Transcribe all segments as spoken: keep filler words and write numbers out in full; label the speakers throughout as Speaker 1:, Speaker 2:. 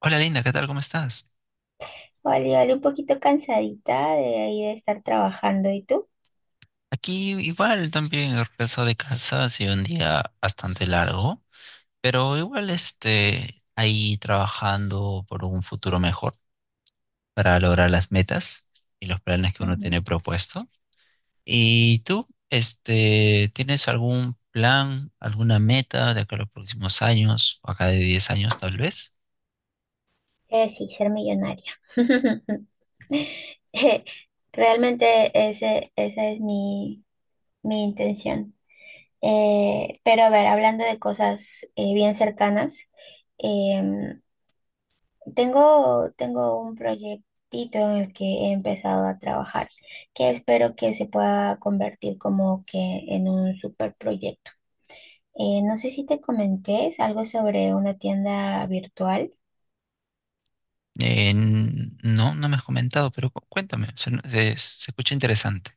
Speaker 1: Hola Linda, ¿qué tal? ¿Cómo estás?
Speaker 2: Vale, vale, un poquito cansadita de ahí de estar trabajando. ¿Y tú?
Speaker 1: Aquí igual también regreso de casa, ha sido un día bastante largo, pero igual este, ahí trabajando por un futuro mejor para lograr las metas y los planes que uno
Speaker 2: Ujú.
Speaker 1: tiene propuesto. ¿Y tú, este, tienes algún plan, alguna meta de acá a los próximos años, o acá de diez años tal vez?
Speaker 2: Eh, sí, ser millonaria. Eh, Realmente ese, esa es mi, mi intención. Eh, pero a ver, hablando de cosas eh, bien cercanas, em, tengo, tengo un proyectito en el que he empezado a trabajar, que espero que se pueda convertir como que en un super proyecto. Eh, no sé si te comenté, es algo sobre una tienda virtual.
Speaker 1: Eh, n- no, no me has comentado, pero cu- cuéntame, se, se se escucha interesante.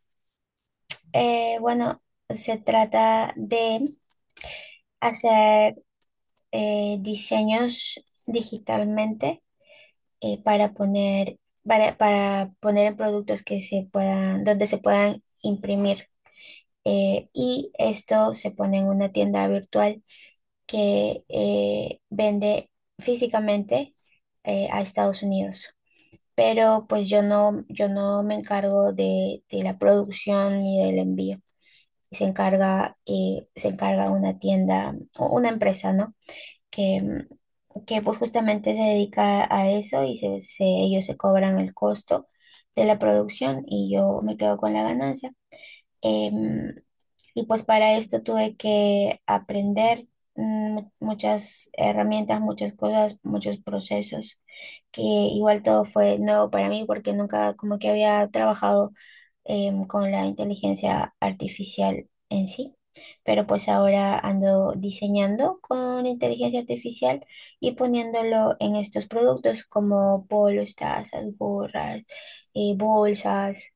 Speaker 2: Eh, bueno, se trata de hacer eh, diseños digitalmente eh, para poner, para, para poner en productos que se puedan, donde se puedan imprimir. Eh, y esto se pone en una tienda virtual que eh, vende físicamente eh, a Estados Unidos. Pero pues yo no, yo no me encargo de, de la producción ni del envío. Se encarga, eh, se encarga una tienda o una empresa, ¿no? Que, mm, que pues justamente se dedica a eso y se, se- ellos se cobran el costo de la producción y yo me quedo con la ganancia. Em, y pues para esto tuve que aprender mm, muchas herramientas, muchas cosas, muchos procesos, que igual todo fue nuevo para mí porque nunca como que había trabajado em, con la inteligencia artificial en sí. Pero pues ahora ando diseñando con inteligencia artificial y poniéndolo en estos productos como polos, tazas, gorras, eh, bolsas.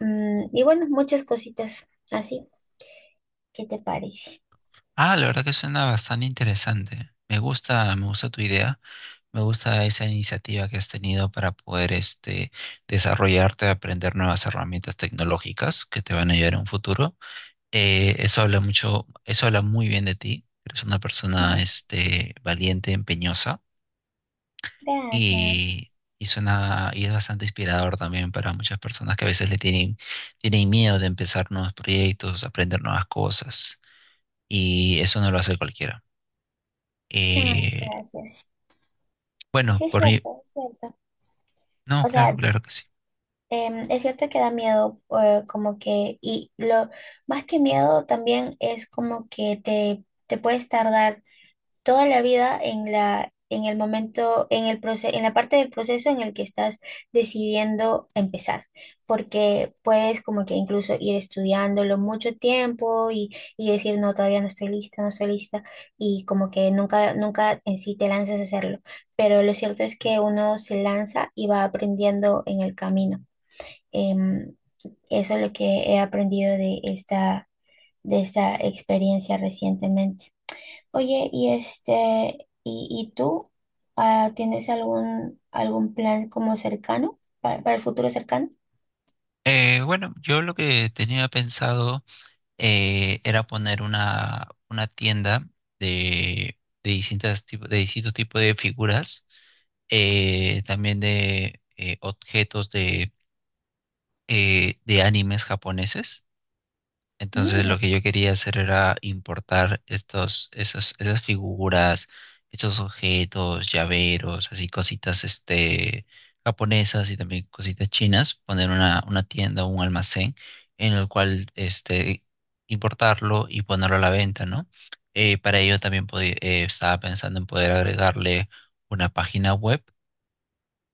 Speaker 2: Mm, y bueno, muchas cositas así. ¿Qué te parece?
Speaker 1: Ah, la verdad que suena bastante interesante. Me gusta, me gusta tu idea, me gusta esa iniciativa que has tenido para poder este desarrollarte, aprender nuevas herramientas tecnológicas que te van a ayudar en un futuro. Eh, eso habla mucho, eso habla muy bien de ti. Eres una persona
Speaker 2: Mm.
Speaker 1: este valiente, empeñosa
Speaker 2: Gracias.
Speaker 1: y, y suena y es bastante inspirador también para muchas personas que a veces le tienen tienen miedo de empezar nuevos proyectos, aprender nuevas cosas y eso no lo hace cualquiera.
Speaker 2: Ay,
Speaker 1: Eh,
Speaker 2: gracias.
Speaker 1: bueno,
Speaker 2: Sí, es
Speaker 1: por mí,
Speaker 2: cierto, es cierto.
Speaker 1: no,
Speaker 2: O
Speaker 1: claro,
Speaker 2: sea,
Speaker 1: claro que sí.
Speaker 2: em, es cierto que da miedo, eh, como que, y lo más que miedo también es como que te, te puedes tardar toda la vida en la, en el momento, en el proceso, en la parte del proceso en el que estás decidiendo empezar, porque puedes como que incluso ir estudiándolo mucho tiempo y, y decir, no, todavía no estoy lista, no estoy lista, y como que nunca, nunca en sí te lanzas a hacerlo, pero lo cierto es que uno se lanza y va aprendiendo en el camino. Em, Eso es lo que he aprendido de esta, de esta experiencia recientemente. Oye, y este, y, y tú, ah, ¿tienes algún algún plan como cercano para, para el futuro cercano?
Speaker 1: Eh, bueno, yo lo que tenía pensado eh, era poner una, una tienda de, de distintas tipo- de distintos tipos de figuras, eh, también de eh, objetos de, eh, de animes japoneses. Entonces
Speaker 2: Mm,
Speaker 1: lo que yo quería hacer era importar estos, esas, esas figuras, estos objetos, llaveros, así cositas este japonesas y también cositas chinas, poner una, una tienda, un almacén en el cual este importarlo y ponerlo a la venta, ¿no? Eh, para ello también podí- eh, estaba pensando en poder agregarle una página web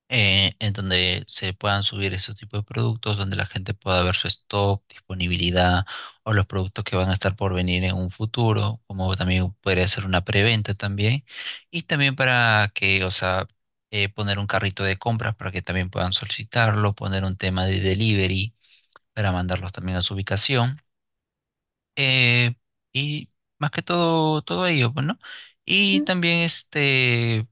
Speaker 1: eh, en donde se puedan subir esos tipos de productos, donde la gente pueda ver su stock, disponibilidad o los productos que van a estar por venir en un futuro, como también podría ser una preventa también, y también para que, o sea, eh, poner un carrito de compras para que también puedan solicitarlo, poner un tema de delivery para mandarlos también a su ubicación eh, y más que todo, todo ello, pues, ¿no? Y
Speaker 2: mm,
Speaker 1: también este,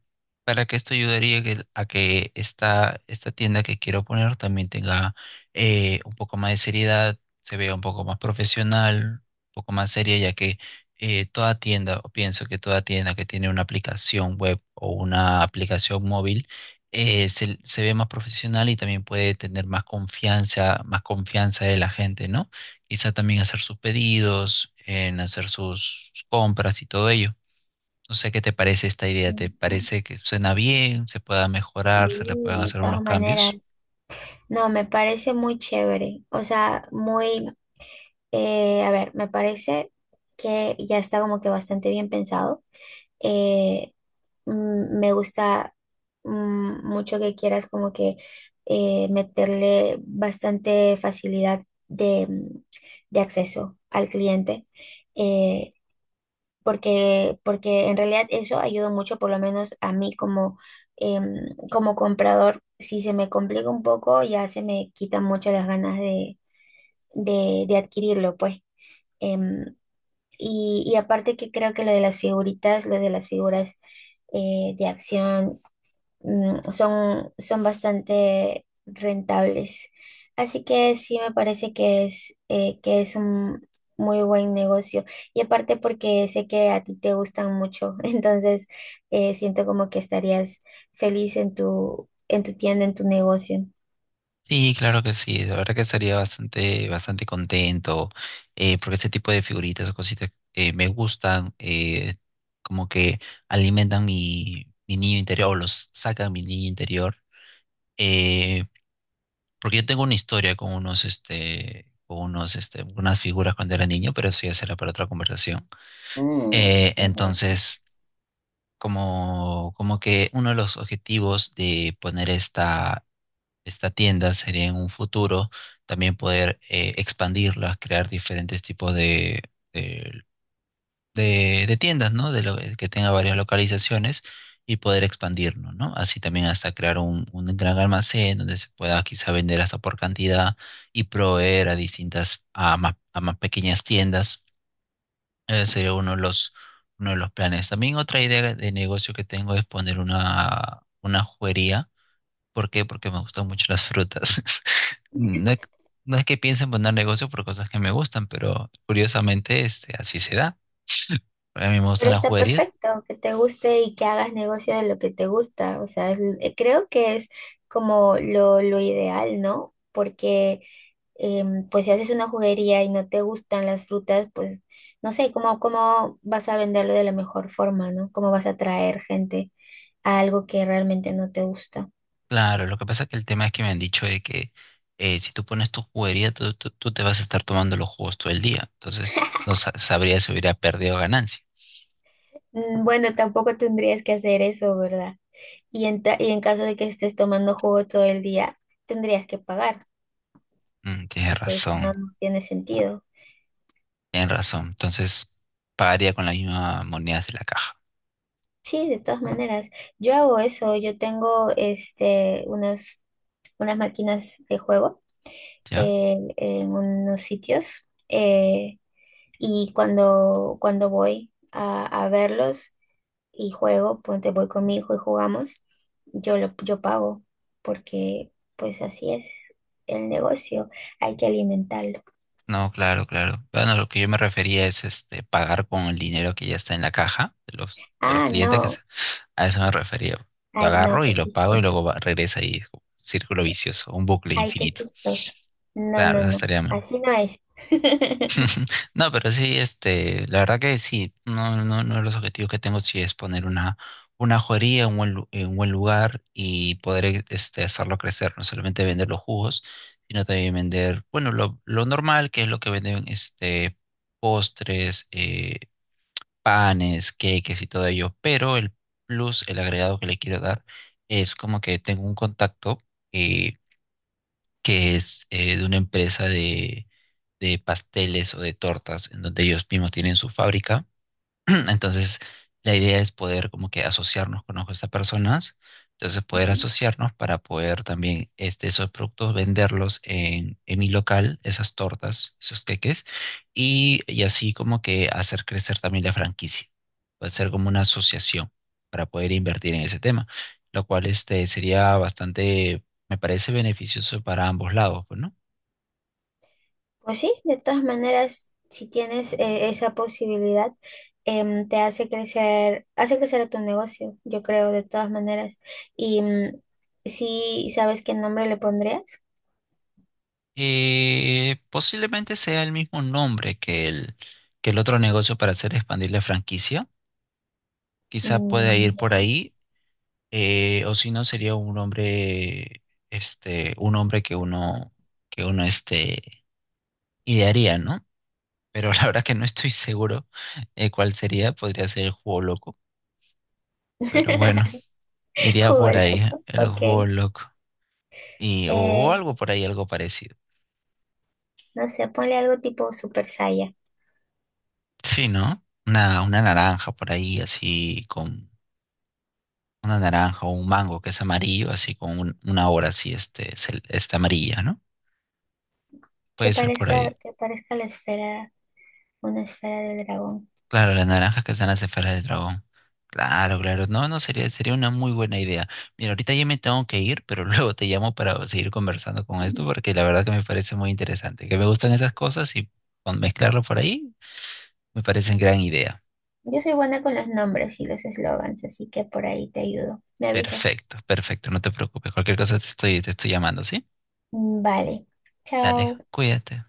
Speaker 1: para que esto ayudaría que- a que esta, esta tienda que quiero poner también tenga eh, un poco más de seriedad, se vea un poco más profesional, un poco más seria, ya que eh, toda tienda, o pienso que toda tienda que tiene una aplicación web o una aplicación móvil, eh, se, se ve más profesional y también puede tener más confianza, más confianza de la gente, ¿no? Quizá también hacer sus pedidos, en hacer sus sus compras y todo ello. No sé qué te parece esta idea, ¿te
Speaker 2: mm.
Speaker 1: parece que suena bien, se pueda
Speaker 2: Sí,
Speaker 1: mejorar, se le puedan
Speaker 2: de
Speaker 1: hacer
Speaker 2: todas
Speaker 1: unos
Speaker 2: maneras.
Speaker 1: cambios?
Speaker 2: No, me parece muy chévere. O sea, muy, eh, a ver, me parece que ya está como que bastante bien pensado. Eh, mm, Me gusta mm, mucho que quieras como que eh, meterle bastante facilidad de, mm, de acceso al cliente, eh, porque, porque en realidad eso ayuda mucho, por lo menos a mí como, em, como comprador, si se me complica un poco, ya se me quitan mucho las ganas de, de, de adquirirlo, pues. Em, y, y aparte que creo que lo de las figuritas, lo de las figuras eh, de acción mm, son, son bastante rentables. Así que sí me parece que es, eh, que es un muy buen negocio. Y aparte porque sé que a ti te gustan mucho, entonces eh, siento como que estarías feliz en tu, en tu tienda, en tu negocio.
Speaker 1: Sí, claro que sí, la verdad que estaría bastante, bastante contento, eh, porque ese tipo de figuritas o cositas eh, me gustan, eh, como que alimentan mi, mi niño interior o los sacan mi niño interior. Eh, Porque yo tengo una historia con unos, este, con unos, este, unas figuras cuando era niño, pero eso ya será para otra conversación.
Speaker 2: Mm,
Speaker 1: Eh,
Speaker 2: interesante.
Speaker 1: entonces, como, como que uno de los objetivos de poner esta, esta tienda sería en un futuro también poder eh, expandirla, crear diferentes tipos de, de, de tiendas, ¿no? De lo, que tenga varias localizaciones y poder expandirnos, ¿no? Así también hasta crear un, un gran almacén donde se pueda quizá vender hasta por cantidad y proveer a distintas, a más, a más pequeñas tiendas. Ese sería uno de los, uno de los planes. También otra idea de negocio que tengo es poner una, una juguería. ¿Por qué? Porque me gustan mucho las frutas. No es, no es que piense en poner negocio por cosas que me gustan, pero curiosamente este, así se da. A mí me gustan
Speaker 2: Pero
Speaker 1: las
Speaker 2: está
Speaker 1: juguerías.
Speaker 2: perfecto que te guste y que hagas negocio de lo que te gusta. O sea, es- eh, creo que es como lo, lo ideal, ¿no? Porque em, pues si haces una juguería y no te gustan las frutas, pues no sé, ¿cómo, cómo vas a venderlo de la mejor forma, ¿no? ¿Cómo vas a atraer gente a algo que realmente no te gusta?
Speaker 1: Claro, lo que pasa es que el tema es que me han dicho de que eh, si tú pones tu juguería, tú, tú- tú te vas a estar tomando los jugos todo el día. Entonces, no sa- sabría si hubiera perdido ganancia.
Speaker 2: Mm, bueno, tampoco tendrías que hacer eso, ¿verdad? Y en, ta- y en caso de que estés tomando jugo todo el día, tendrías que pagar,
Speaker 1: Mm, tienes
Speaker 2: porque si no,
Speaker 1: razón,
Speaker 2: no tiene sentido.
Speaker 1: tienes razón. Entonces, pagaría con las mismas monedas de la caja,
Speaker 2: Sí, de todas maneras. Yo hago eso. Yo tengo este, unas, unas máquinas de juego
Speaker 1: ¿ya?
Speaker 2: eh, en unos sitios, eh, y cuando, cuando voy a, a verlos y juego, ponte voy con mi hijo y jugamos, yo, lo, yo pago porque pues así es el negocio. Hay que alimentarlo.
Speaker 1: No, claro, claro. Bueno, lo que yo me refería es este, pagar con el dinero que ya está en la caja de los, de los
Speaker 2: Ah,
Speaker 1: clientes, que se-
Speaker 2: no.
Speaker 1: a eso me refería. Lo
Speaker 2: Ay, no,
Speaker 1: agarro y
Speaker 2: qué
Speaker 1: lo pago y
Speaker 2: chistoso.
Speaker 1: luego va- regresa y es como un círculo vicioso, un bucle
Speaker 2: Ay, qué
Speaker 1: infinito.
Speaker 2: chistoso. No,
Speaker 1: Claro,
Speaker 2: no,
Speaker 1: eso
Speaker 2: no.
Speaker 1: estaría mal.
Speaker 2: Así no es.
Speaker 1: No, pero sí, este, la verdad que sí, no, no, no de los objetivos que tengo sí es poner una, una joyería en un buen, lu- en un buen lugar y poder eh, este, hacerlo crecer, no solamente vender los jugos, sino también vender, bueno, lo, lo normal, que es lo que venden este, postres, eh, panes, queques y todo ello, pero el plus, el agregado que le quiero dar es como que tengo un contacto eh, que es eh, de una empresa de, de pasteles o de tortas, en donde ellos mismos tienen su fábrica. Entonces, la idea es poder como que asociarnos con estas personas, entonces poder asociarnos para poder también este, esos productos venderlos en, en mi local, esas tortas, esos queques, y, y así como que hacer crecer también la franquicia, puede ser como una asociación para poder invertir en ese tema, lo cual este, sería bastante, me parece beneficioso para ambos lados, pues, ¿no?
Speaker 2: Pues sí, de todas maneras, si tienes eh, esa posibilidad, em, te hace crecer, hace crecer a tu negocio, yo creo, de todas maneras. Y mm, sí, ¿sabes qué nombre le pondrías?
Speaker 1: Eh, posiblemente sea el mismo nombre que el, que el otro negocio para hacer expandir la franquicia. Quizá pueda
Speaker 2: Mm,
Speaker 1: ir por
Speaker 2: ya.
Speaker 1: ahí, eh, o si no sería un nombre, este, un nombre que uno, que uno este, idearía, ¿no? Pero la verdad que no estoy seguro eh, cuál sería. Podría ser El Juego Loco, pero bueno, iría
Speaker 2: Jugo
Speaker 1: por ahí,
Speaker 2: loco,
Speaker 1: el juego
Speaker 2: ok.
Speaker 1: loco. Y, o, o
Speaker 2: Eh,
Speaker 1: algo por ahí, algo parecido.
Speaker 2: no sé, ponle algo tipo Super Saiya,
Speaker 1: Sí, ¿no? Una, una naranja por ahí, así con una naranja o un mango que es amarillo, así con un- una hora así, este, cel- está amarilla, ¿no? Puede
Speaker 2: que
Speaker 1: ser por
Speaker 2: parezca,
Speaker 1: ahí.
Speaker 2: que parezca la esfera, una esfera del dragón.
Speaker 1: Claro, las naranjas que están las esferas del dragón. Claro, claro. No, no, sería, sería una muy buena idea. Mira, ahorita ya me tengo que ir, pero luego te llamo para seguir conversando con esto, porque la verdad que me parece muy interesante. Que me gustan esas cosas y con mezclarlo por ahí me parece gran idea.
Speaker 2: Yo soy buena con los nombres y los eslogans, así que por ahí te ayudo. Me avisas.
Speaker 1: Perfecto, perfecto, no te preocupes. Cualquier cosa te estoy, te estoy llamando, ¿sí?
Speaker 2: Vale.
Speaker 1: Dale,
Speaker 2: Chao.
Speaker 1: cuídate.